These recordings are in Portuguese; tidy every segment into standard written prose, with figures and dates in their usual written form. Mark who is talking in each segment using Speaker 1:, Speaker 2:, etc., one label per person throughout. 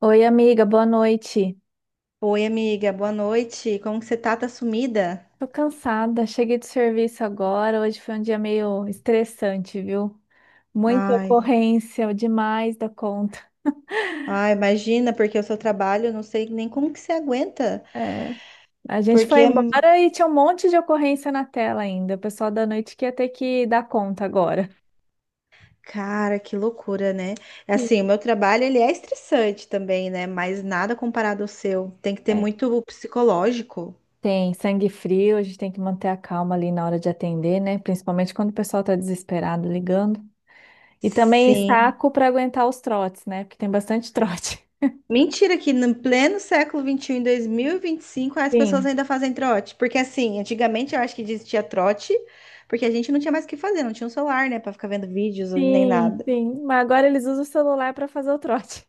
Speaker 1: Oi, amiga, boa noite.
Speaker 2: Oi, amiga, boa noite. Como que você tá? Tá sumida?
Speaker 1: Tô cansada, cheguei do serviço agora. Hoje foi um dia meio estressante, viu? Muita
Speaker 2: Ai,
Speaker 1: ocorrência, demais da conta.
Speaker 2: ai, imagina, porque o seu trabalho, eu não sei nem como que você aguenta,
Speaker 1: É, a gente
Speaker 2: porque
Speaker 1: foi
Speaker 2: é,
Speaker 1: embora e tinha um monte de ocorrência na tela ainda. O pessoal da noite que ia ter que dar conta agora.
Speaker 2: cara, que loucura, né? É
Speaker 1: Sim.
Speaker 2: Assim, o meu trabalho, ele é estressante também, né? Mas nada comparado ao seu. Tem que ter
Speaker 1: É,
Speaker 2: muito psicológico.
Speaker 1: tem sangue frio, a gente tem que manter a calma ali na hora de atender, né? Principalmente quando o pessoal tá desesperado ligando. E também
Speaker 2: Sim.
Speaker 1: saco para aguentar os trotes, né? Porque tem bastante trote.
Speaker 2: Mentira que no pleno século XXI, em 2025, as pessoas
Speaker 1: Sim.
Speaker 2: ainda fazem trote. Porque assim, antigamente eu acho que existia trote, porque a gente não tinha mais o que fazer, não tinha um celular, né, pra ficar vendo vídeos nem
Speaker 1: Sim,
Speaker 2: nada.
Speaker 1: sim. Mas agora eles usam o celular para fazer o trote.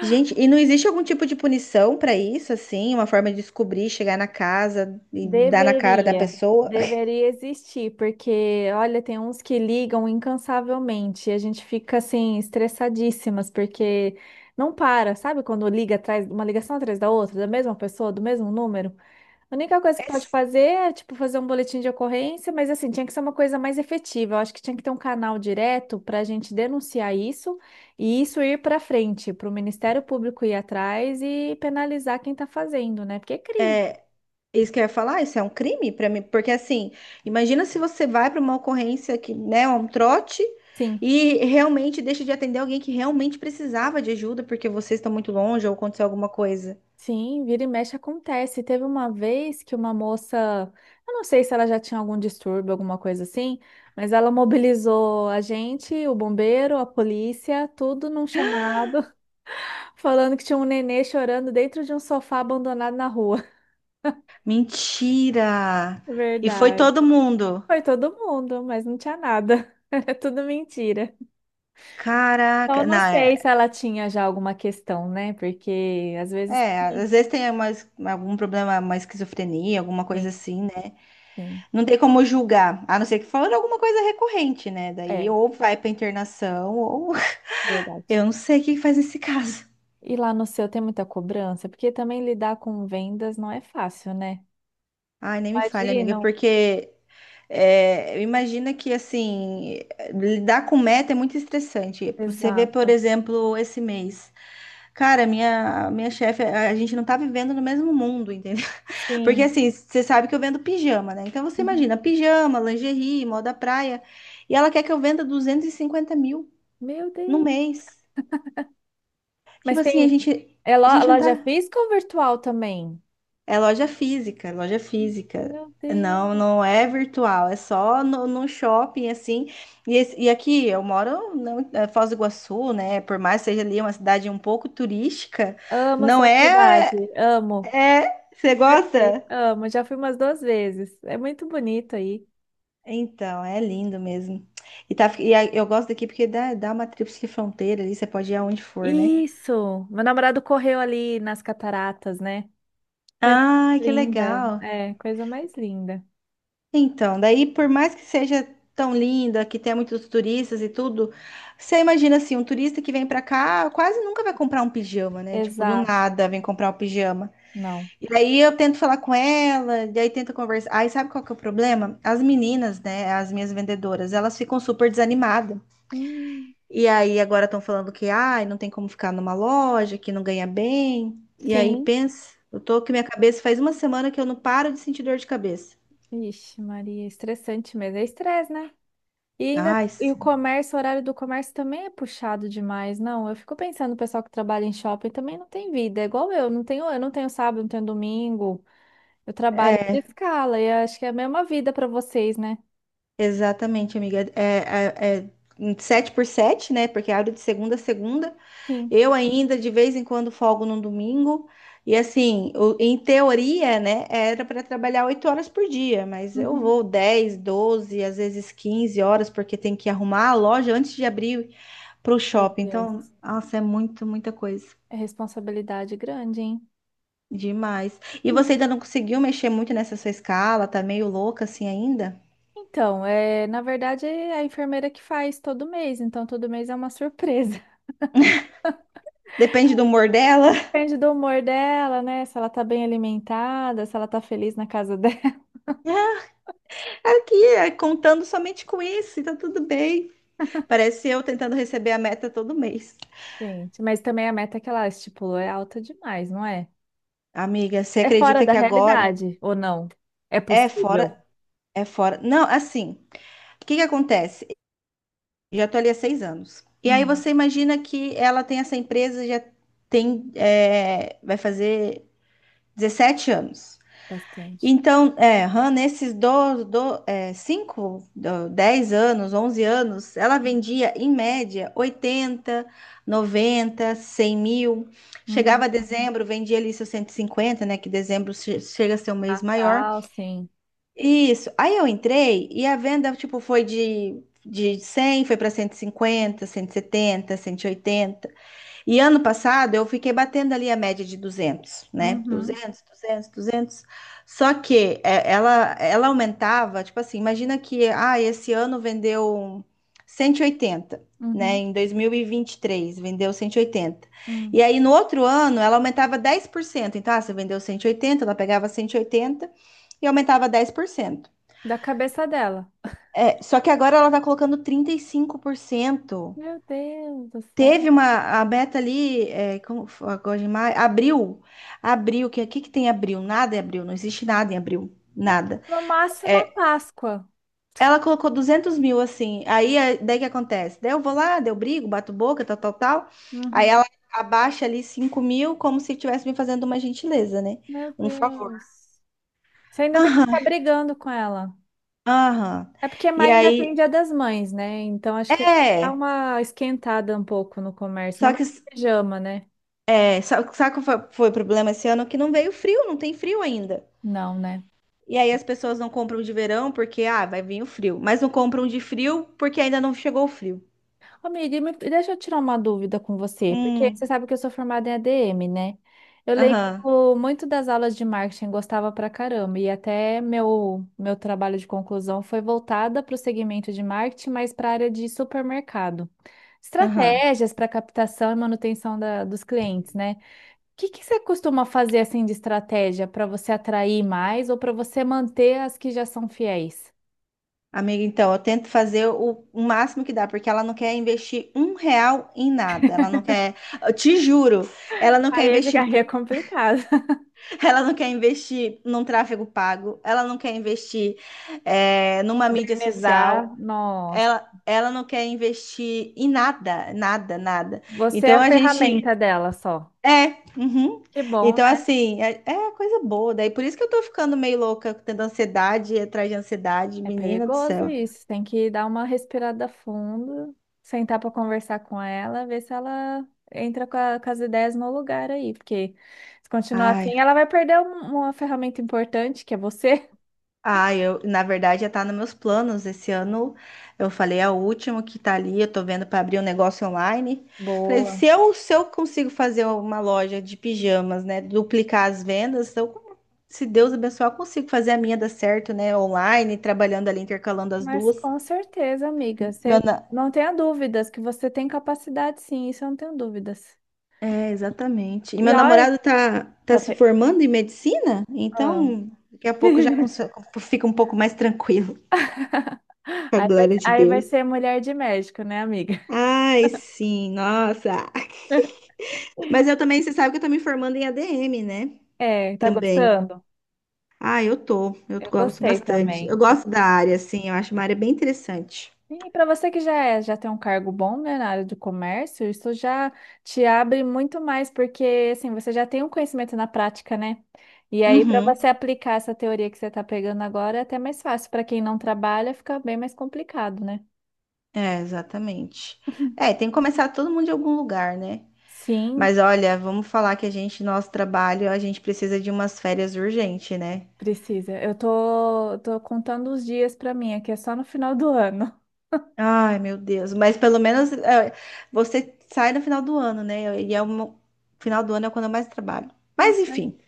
Speaker 2: Gente, e não existe algum tipo de punição pra isso, assim? Uma forma de descobrir, chegar na casa e dar na cara da
Speaker 1: Deveria,
Speaker 2: pessoa?
Speaker 1: deveria existir, porque olha, tem uns que ligam incansavelmente, e a gente fica assim estressadíssimas porque não para, sabe? Quando liga atrás, uma ligação atrás da outra, da mesma pessoa, do mesmo número. A única coisa que pode fazer é, tipo, fazer um boletim de ocorrência, mas assim, tinha que ser uma coisa mais efetiva. Eu acho que tinha que ter um canal direto para a gente denunciar isso e isso ir para frente, para o Ministério Público ir atrás e penalizar quem está fazendo, né? Porque é
Speaker 2: É,
Speaker 1: crime.
Speaker 2: é isso que eu ia falar, isso é um crime pra mim, porque assim, imagina se você vai pra uma ocorrência que, né, um trote
Speaker 1: Sim,
Speaker 2: e realmente deixa de atender alguém que realmente precisava de ajuda porque vocês estão muito longe ou aconteceu alguma coisa.
Speaker 1: sim, vira e mexe acontece. Teve uma vez que uma moça, eu não sei se ela já tinha algum distúrbio, alguma coisa assim, mas ela mobilizou a gente, o bombeiro, a polícia, tudo num chamado. Falando que tinha um nenê chorando dentro de um sofá abandonado na rua.
Speaker 2: Mentira! E foi
Speaker 1: Verdade.
Speaker 2: todo mundo.
Speaker 1: Foi todo mundo, mas não tinha nada. Era tudo mentira. Então, eu
Speaker 2: Caraca, não,
Speaker 1: não
Speaker 2: é-
Speaker 1: sei se ela tinha já alguma questão, né? Porque às vezes.
Speaker 2: É, às
Speaker 1: Sim,
Speaker 2: vezes tem uma, es- algum problema, uma esquizofrenia, alguma coisa
Speaker 1: sim.
Speaker 2: assim, né?
Speaker 1: sim.
Speaker 2: Não tem como julgar, a não ser que falando alguma coisa recorrente, né? Daí
Speaker 1: É,
Speaker 2: ou vai pra internação, ou
Speaker 1: verdade.
Speaker 2: eu não sei o que faz nesse caso.
Speaker 1: E lá no seu tem muita cobrança? Porque também lidar com vendas não é fácil, né?
Speaker 2: Ai, nem me fale, amiga,
Speaker 1: Imagino.
Speaker 2: porque é, imagina que, assim, lidar com meta é muito estressante. Você vê, por
Speaker 1: Exato.
Speaker 2: exemplo, esse mês. Cara, minha chefe, a gente não tá vivendo no mesmo mundo, entendeu? Porque
Speaker 1: Sim.
Speaker 2: assim, você sabe que eu vendo pijama, né? Então você
Speaker 1: Uhum.
Speaker 2: imagina, pijama, lingerie, moda praia. E ela quer que eu venda 250 mil
Speaker 1: Meu
Speaker 2: no
Speaker 1: Deus.
Speaker 2: mês.
Speaker 1: Mas
Speaker 2: Tipo assim, a
Speaker 1: tem.
Speaker 2: gente,
Speaker 1: É
Speaker 2: a gente não
Speaker 1: loja
Speaker 2: tá.
Speaker 1: física ou virtual também?
Speaker 2: É loja física, é loja física.
Speaker 1: Meu
Speaker 2: Não,
Speaker 1: Deus.
Speaker 2: não é virtual, é só no, no shopping, assim. E, esse- e aqui eu moro não, é Foz do Iguaçu, né? Por mais que seja ali uma cidade um pouco turística,
Speaker 1: Amo
Speaker 2: não
Speaker 1: sua
Speaker 2: é.
Speaker 1: cidade, amo.
Speaker 2: É. Você
Speaker 1: Perfeito.
Speaker 2: gosta?
Speaker 1: Amo, já fui umas duas vezes. É muito bonito aí.
Speaker 2: Então, é lindo mesmo. E, tá, e a- eu gosto daqui porque dá uma tríplice fronteira ali, você pode ir aonde for, né?
Speaker 1: Isso! Meu namorado correu ali nas cataratas, né? Coisa
Speaker 2: Ai,
Speaker 1: mais
Speaker 2: que
Speaker 1: linda.
Speaker 2: legal.
Speaker 1: É, coisa mais linda.
Speaker 2: Então, daí por mais que seja tão linda, que tenha muitos turistas e tudo, você imagina assim, um turista que vem pra cá quase nunca vai comprar um pijama, né? Tipo, do
Speaker 1: Exato.
Speaker 2: nada vem comprar um pijama.
Speaker 1: Não.
Speaker 2: E aí eu tento falar com ela, e aí tento conversar. Aí sabe qual que é o problema? As meninas, né, as minhas vendedoras, elas ficam super desanimadas.
Speaker 1: Hum,
Speaker 2: E aí agora estão falando que ai, não tem como ficar numa loja, que não ganha bem. E aí
Speaker 1: sim.
Speaker 2: pensa, eu tô que minha cabeça faz uma semana que eu não paro de sentir dor de cabeça.
Speaker 1: Ixi, Maria, estressante mesmo. É estresse, né? E ainda
Speaker 2: Ai,
Speaker 1: e o
Speaker 2: s-
Speaker 1: comércio, o horário do comércio também é puxado demais, não? Eu fico pensando, o pessoal que trabalha em shopping também não tem vida, é igual eu não tenho sábado, não tenho domingo. Eu trabalho por escala e acho que é a mesma vida para vocês, né?
Speaker 2: exatamente, amiga. É em 7 por 7, né? Porque abre de segunda a segunda.
Speaker 1: Sim.
Speaker 2: Eu ainda de vez em quando folgo num domingo. E assim, o- em teoria, né, era para trabalhar 8 horas por dia, mas eu
Speaker 1: Uhum.
Speaker 2: vou 10, 12, às vezes 15 horas, porque tem que arrumar a loja antes de abrir pro
Speaker 1: Meu
Speaker 2: shopping. Então,
Speaker 1: Deus.
Speaker 2: nossa, é muito, muita coisa.
Speaker 1: É responsabilidade grande, hein?
Speaker 2: Demais. E você
Speaker 1: Hum.
Speaker 2: ainda não conseguiu mexer muito nessa sua escala? Tá meio louca assim ainda?
Speaker 1: Então, é, na verdade, é a enfermeira que faz todo mês, então todo mês é uma surpresa.
Speaker 2: Depende do humor dela.
Speaker 1: Depende do humor dela, né? Se ela tá bem alimentada, se ela tá feliz na casa dela.
Speaker 2: Aqui, é, contando somente com isso, e tá tudo bem. Parece eu tentando receber a meta todo mês.
Speaker 1: Gente, mas também a meta que ela estipulou é alta demais, não é?
Speaker 2: Amiga, você
Speaker 1: É fora
Speaker 2: acredita
Speaker 1: da
Speaker 2: que agora
Speaker 1: realidade, ou não? É
Speaker 2: é
Speaker 1: possível?
Speaker 2: fora, é fora. Não, assim, o que que acontece? Já tô ali há 6 anos. E aí
Speaker 1: Hum,
Speaker 2: você imagina que ela tem essa empresa, já tem, é, vai fazer 17 anos.
Speaker 1: bastante.
Speaker 2: Então, é, Han, nesses do, é, 5, do- 10 anos, 11 anos, ela vendia, em média, 80, 90, 100 mil.
Speaker 1: Uhum.
Speaker 2: Chegava a dezembro, vendia ali seus 150, né? Que dezembro che- chega a ser um mês maior.
Speaker 1: Natal, sim.
Speaker 2: Isso. Aí eu entrei e a venda, tipo, foi de 100, foi para cento cento e cinquenta, 170, 180. E ano passado eu fiquei batendo ali a média de 200, né?
Speaker 1: Uhum.
Speaker 2: 200, 200, 200. Só que é, ela aumentava, tipo assim, imagina que ah, esse ano vendeu 180, né?
Speaker 1: Uhum,
Speaker 2: Em 2023 vendeu 180. E oitenta. E
Speaker 1: uhum.
Speaker 2: aí no outro ano ela aumentava 10%. Então, ah, você vendeu 180, ela pegava 180 e oitenta e aumentava 10%.
Speaker 1: Da cabeça dela.
Speaker 2: É, só que agora ela tá colocando 35%.
Speaker 1: Meu Deus do céu.
Speaker 2: Teve uma, a Beta ali, é, como foi agora de maio, abril, abril, que aqui que tem abril, nada em abril, não existe nada em abril, nada.
Speaker 1: No máximo a
Speaker 2: É,
Speaker 1: Páscoa.
Speaker 2: ela colocou 200 mil assim, aí é, daí que acontece? Daí eu vou lá, daí eu brigo, bato boca, tal, tal, tal. Aí
Speaker 1: Uhum.
Speaker 2: ela abaixa ali 5 mil, como se estivesse me fazendo uma gentileza, né?
Speaker 1: Meu
Speaker 2: Um favor.
Speaker 1: Deus. Você ainda tem que
Speaker 2: Aham,
Speaker 1: ficar brigando com ela.
Speaker 2: aham.
Speaker 1: É porque
Speaker 2: E
Speaker 1: maio ainda tem
Speaker 2: aí,
Speaker 1: Dia das Mães, né? Então acho que dá
Speaker 2: é,
Speaker 1: uma esquentada um pouco no comércio. Não
Speaker 2: só
Speaker 1: mais
Speaker 2: que,
Speaker 1: pijama, né?
Speaker 2: é, só, sabe qual foi, foi o problema esse ano? Que não veio frio, não tem frio ainda.
Speaker 1: Não, né?
Speaker 2: E aí as pessoas não compram de verão porque, ah, vai vir o frio. Mas não compram de frio porque ainda não chegou o frio.
Speaker 1: Amiga, e deixa eu tirar uma dúvida com você, porque você
Speaker 2: Hum,
Speaker 1: sabe que eu sou formada em ADM, né? Eu
Speaker 2: aham,
Speaker 1: lembro muito das aulas de marketing, gostava pra caramba, e até meu trabalho de conclusão foi voltada para o segmento de marketing, mas para a área de supermercado.
Speaker 2: aham.
Speaker 1: Estratégias para captação e manutenção dos clientes, né? O que que você costuma fazer assim de estratégia para você atrair mais ou para você manter as que já são fiéis?
Speaker 2: Amiga, então, eu tento fazer o máximo que dá, porque ela não quer investir um real em nada. Ela não quer, eu te juro, ela não quer
Speaker 1: Aí é de-
Speaker 2: investir,
Speaker 1: aí
Speaker 2: no-
Speaker 1: é complicado.
Speaker 2: ela não quer investir num tráfego pago, ela não quer investir é, numa mídia
Speaker 1: Modernizar,
Speaker 2: social,
Speaker 1: nossa.
Speaker 2: ela não quer investir em nada, nada, nada.
Speaker 1: Você é
Speaker 2: Então
Speaker 1: a
Speaker 2: a gente
Speaker 1: ferramenta dela só.
Speaker 2: É, uhum.
Speaker 1: Que bom,
Speaker 2: Então,
Speaker 1: né?
Speaker 2: assim, é, é coisa boa. Daí por isso que eu tô ficando meio louca, tendo ansiedade atrás de ansiedade,
Speaker 1: É
Speaker 2: menina do
Speaker 1: perigoso
Speaker 2: céu.
Speaker 1: isso. Tem que dar uma respirada fundo, sentar para conversar com ela, ver se ela entra com, com as ideias no lugar aí. Porque se continuar
Speaker 2: Ai,
Speaker 1: assim, ela vai perder uma ferramenta importante, que é você.
Speaker 2: ai, eu, na verdade já tá nos meus planos. Esse ano eu falei, é o último que tá ali, eu tô vendo para abrir um negócio online. Falei, se
Speaker 1: Boa.
Speaker 2: eu, se eu consigo fazer uma loja de pijamas, né, duplicar as vendas, eu, se Deus abençoar, eu consigo fazer a minha dar certo, né, online, trabalhando ali, intercalando as
Speaker 1: Mas
Speaker 2: duas.
Speaker 1: com certeza, amiga, você não tenha dúvidas que você tem capacidade, sim, isso eu não tenho dúvidas.
Speaker 2: É, exatamente. E
Speaker 1: E
Speaker 2: meu
Speaker 1: olha,
Speaker 2: namorado tá
Speaker 1: tá...
Speaker 2: se formando em medicina,
Speaker 1: Ah.
Speaker 2: então daqui a pouco já cons- fica um pouco mais tranquilo. Com a glória de
Speaker 1: Aí vai
Speaker 2: Deus.
Speaker 1: ser mulher de médico, né, amiga?
Speaker 2: Ai, sim, nossa. Mas eu também, você sabe que eu tô me formando em ADM, né?
Speaker 1: É, tá
Speaker 2: Também.
Speaker 1: gostando?
Speaker 2: Ah, eu tô. Eu
Speaker 1: Eu
Speaker 2: gosto
Speaker 1: gostei
Speaker 2: bastante.
Speaker 1: também.
Speaker 2: Eu gosto da
Speaker 1: Assim.
Speaker 2: área, assim, eu acho uma área bem interessante.
Speaker 1: E para você que já já tem um cargo bom, né, na área de comércio, isso já te abre muito mais, porque assim, você já tem um conhecimento na prática, né? E aí, para
Speaker 2: Uhum.
Speaker 1: você aplicar essa teoria que você está pegando agora, é até mais fácil. Para quem não trabalha, fica bem mais complicado, né?
Speaker 2: É, exatamente. É, tem que começar todo mundo de algum lugar, né?
Speaker 1: Sim,
Speaker 2: Mas olha, vamos falar que a gente, nosso trabalho, a gente precisa de umas férias urgente, né?
Speaker 1: precisa. Eu tô, tô contando os dias para mim, aqui é só no final do ano.
Speaker 2: Ai, meu Deus. Mas pelo menos é, você sai no final do ano, né? E é um... final do ano é quando eu mais trabalho. Mas
Speaker 1: Ah,
Speaker 2: enfim.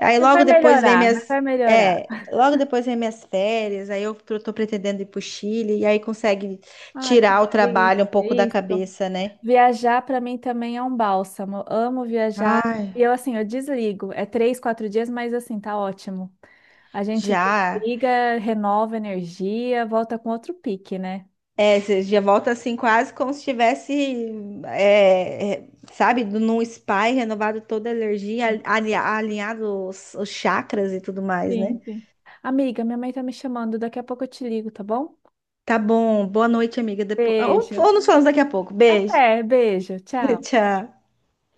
Speaker 2: Aí
Speaker 1: mas vai
Speaker 2: logo depois vem
Speaker 1: melhorar, mas
Speaker 2: minhas.
Speaker 1: vai melhorar.
Speaker 2: É, logo depois vem minhas férias. Aí eu tô pretendendo ir pro Chile. E aí consegue
Speaker 1: Ai, que
Speaker 2: tirar o
Speaker 1: delícia,
Speaker 2: trabalho um
Speaker 1: é
Speaker 2: pouco da
Speaker 1: isso.
Speaker 2: cabeça, né?
Speaker 1: Viajar para mim também é um bálsamo. Eu amo viajar.
Speaker 2: Ai,
Speaker 1: E eu, assim, eu desligo. É três, quatro dias, mas assim, tá ótimo. A gente
Speaker 2: já.
Speaker 1: desliga, renova energia, volta com outro pique, né?
Speaker 2: É, você já volta assim, quase como se estivesse, é, é, sabe, num spa e renovado toda a energia, ali- alinhado os chakras e tudo mais, né?
Speaker 1: Sim, sim. Amiga, minha mãe tá me chamando. Daqui a pouco eu te ligo, tá bom?
Speaker 2: Tá bom. Boa noite, amiga. Depo-
Speaker 1: Beijo.
Speaker 2: ou nos falamos daqui a pouco. Beijo.
Speaker 1: Até, beijo. Tchau.
Speaker 2: Tchau.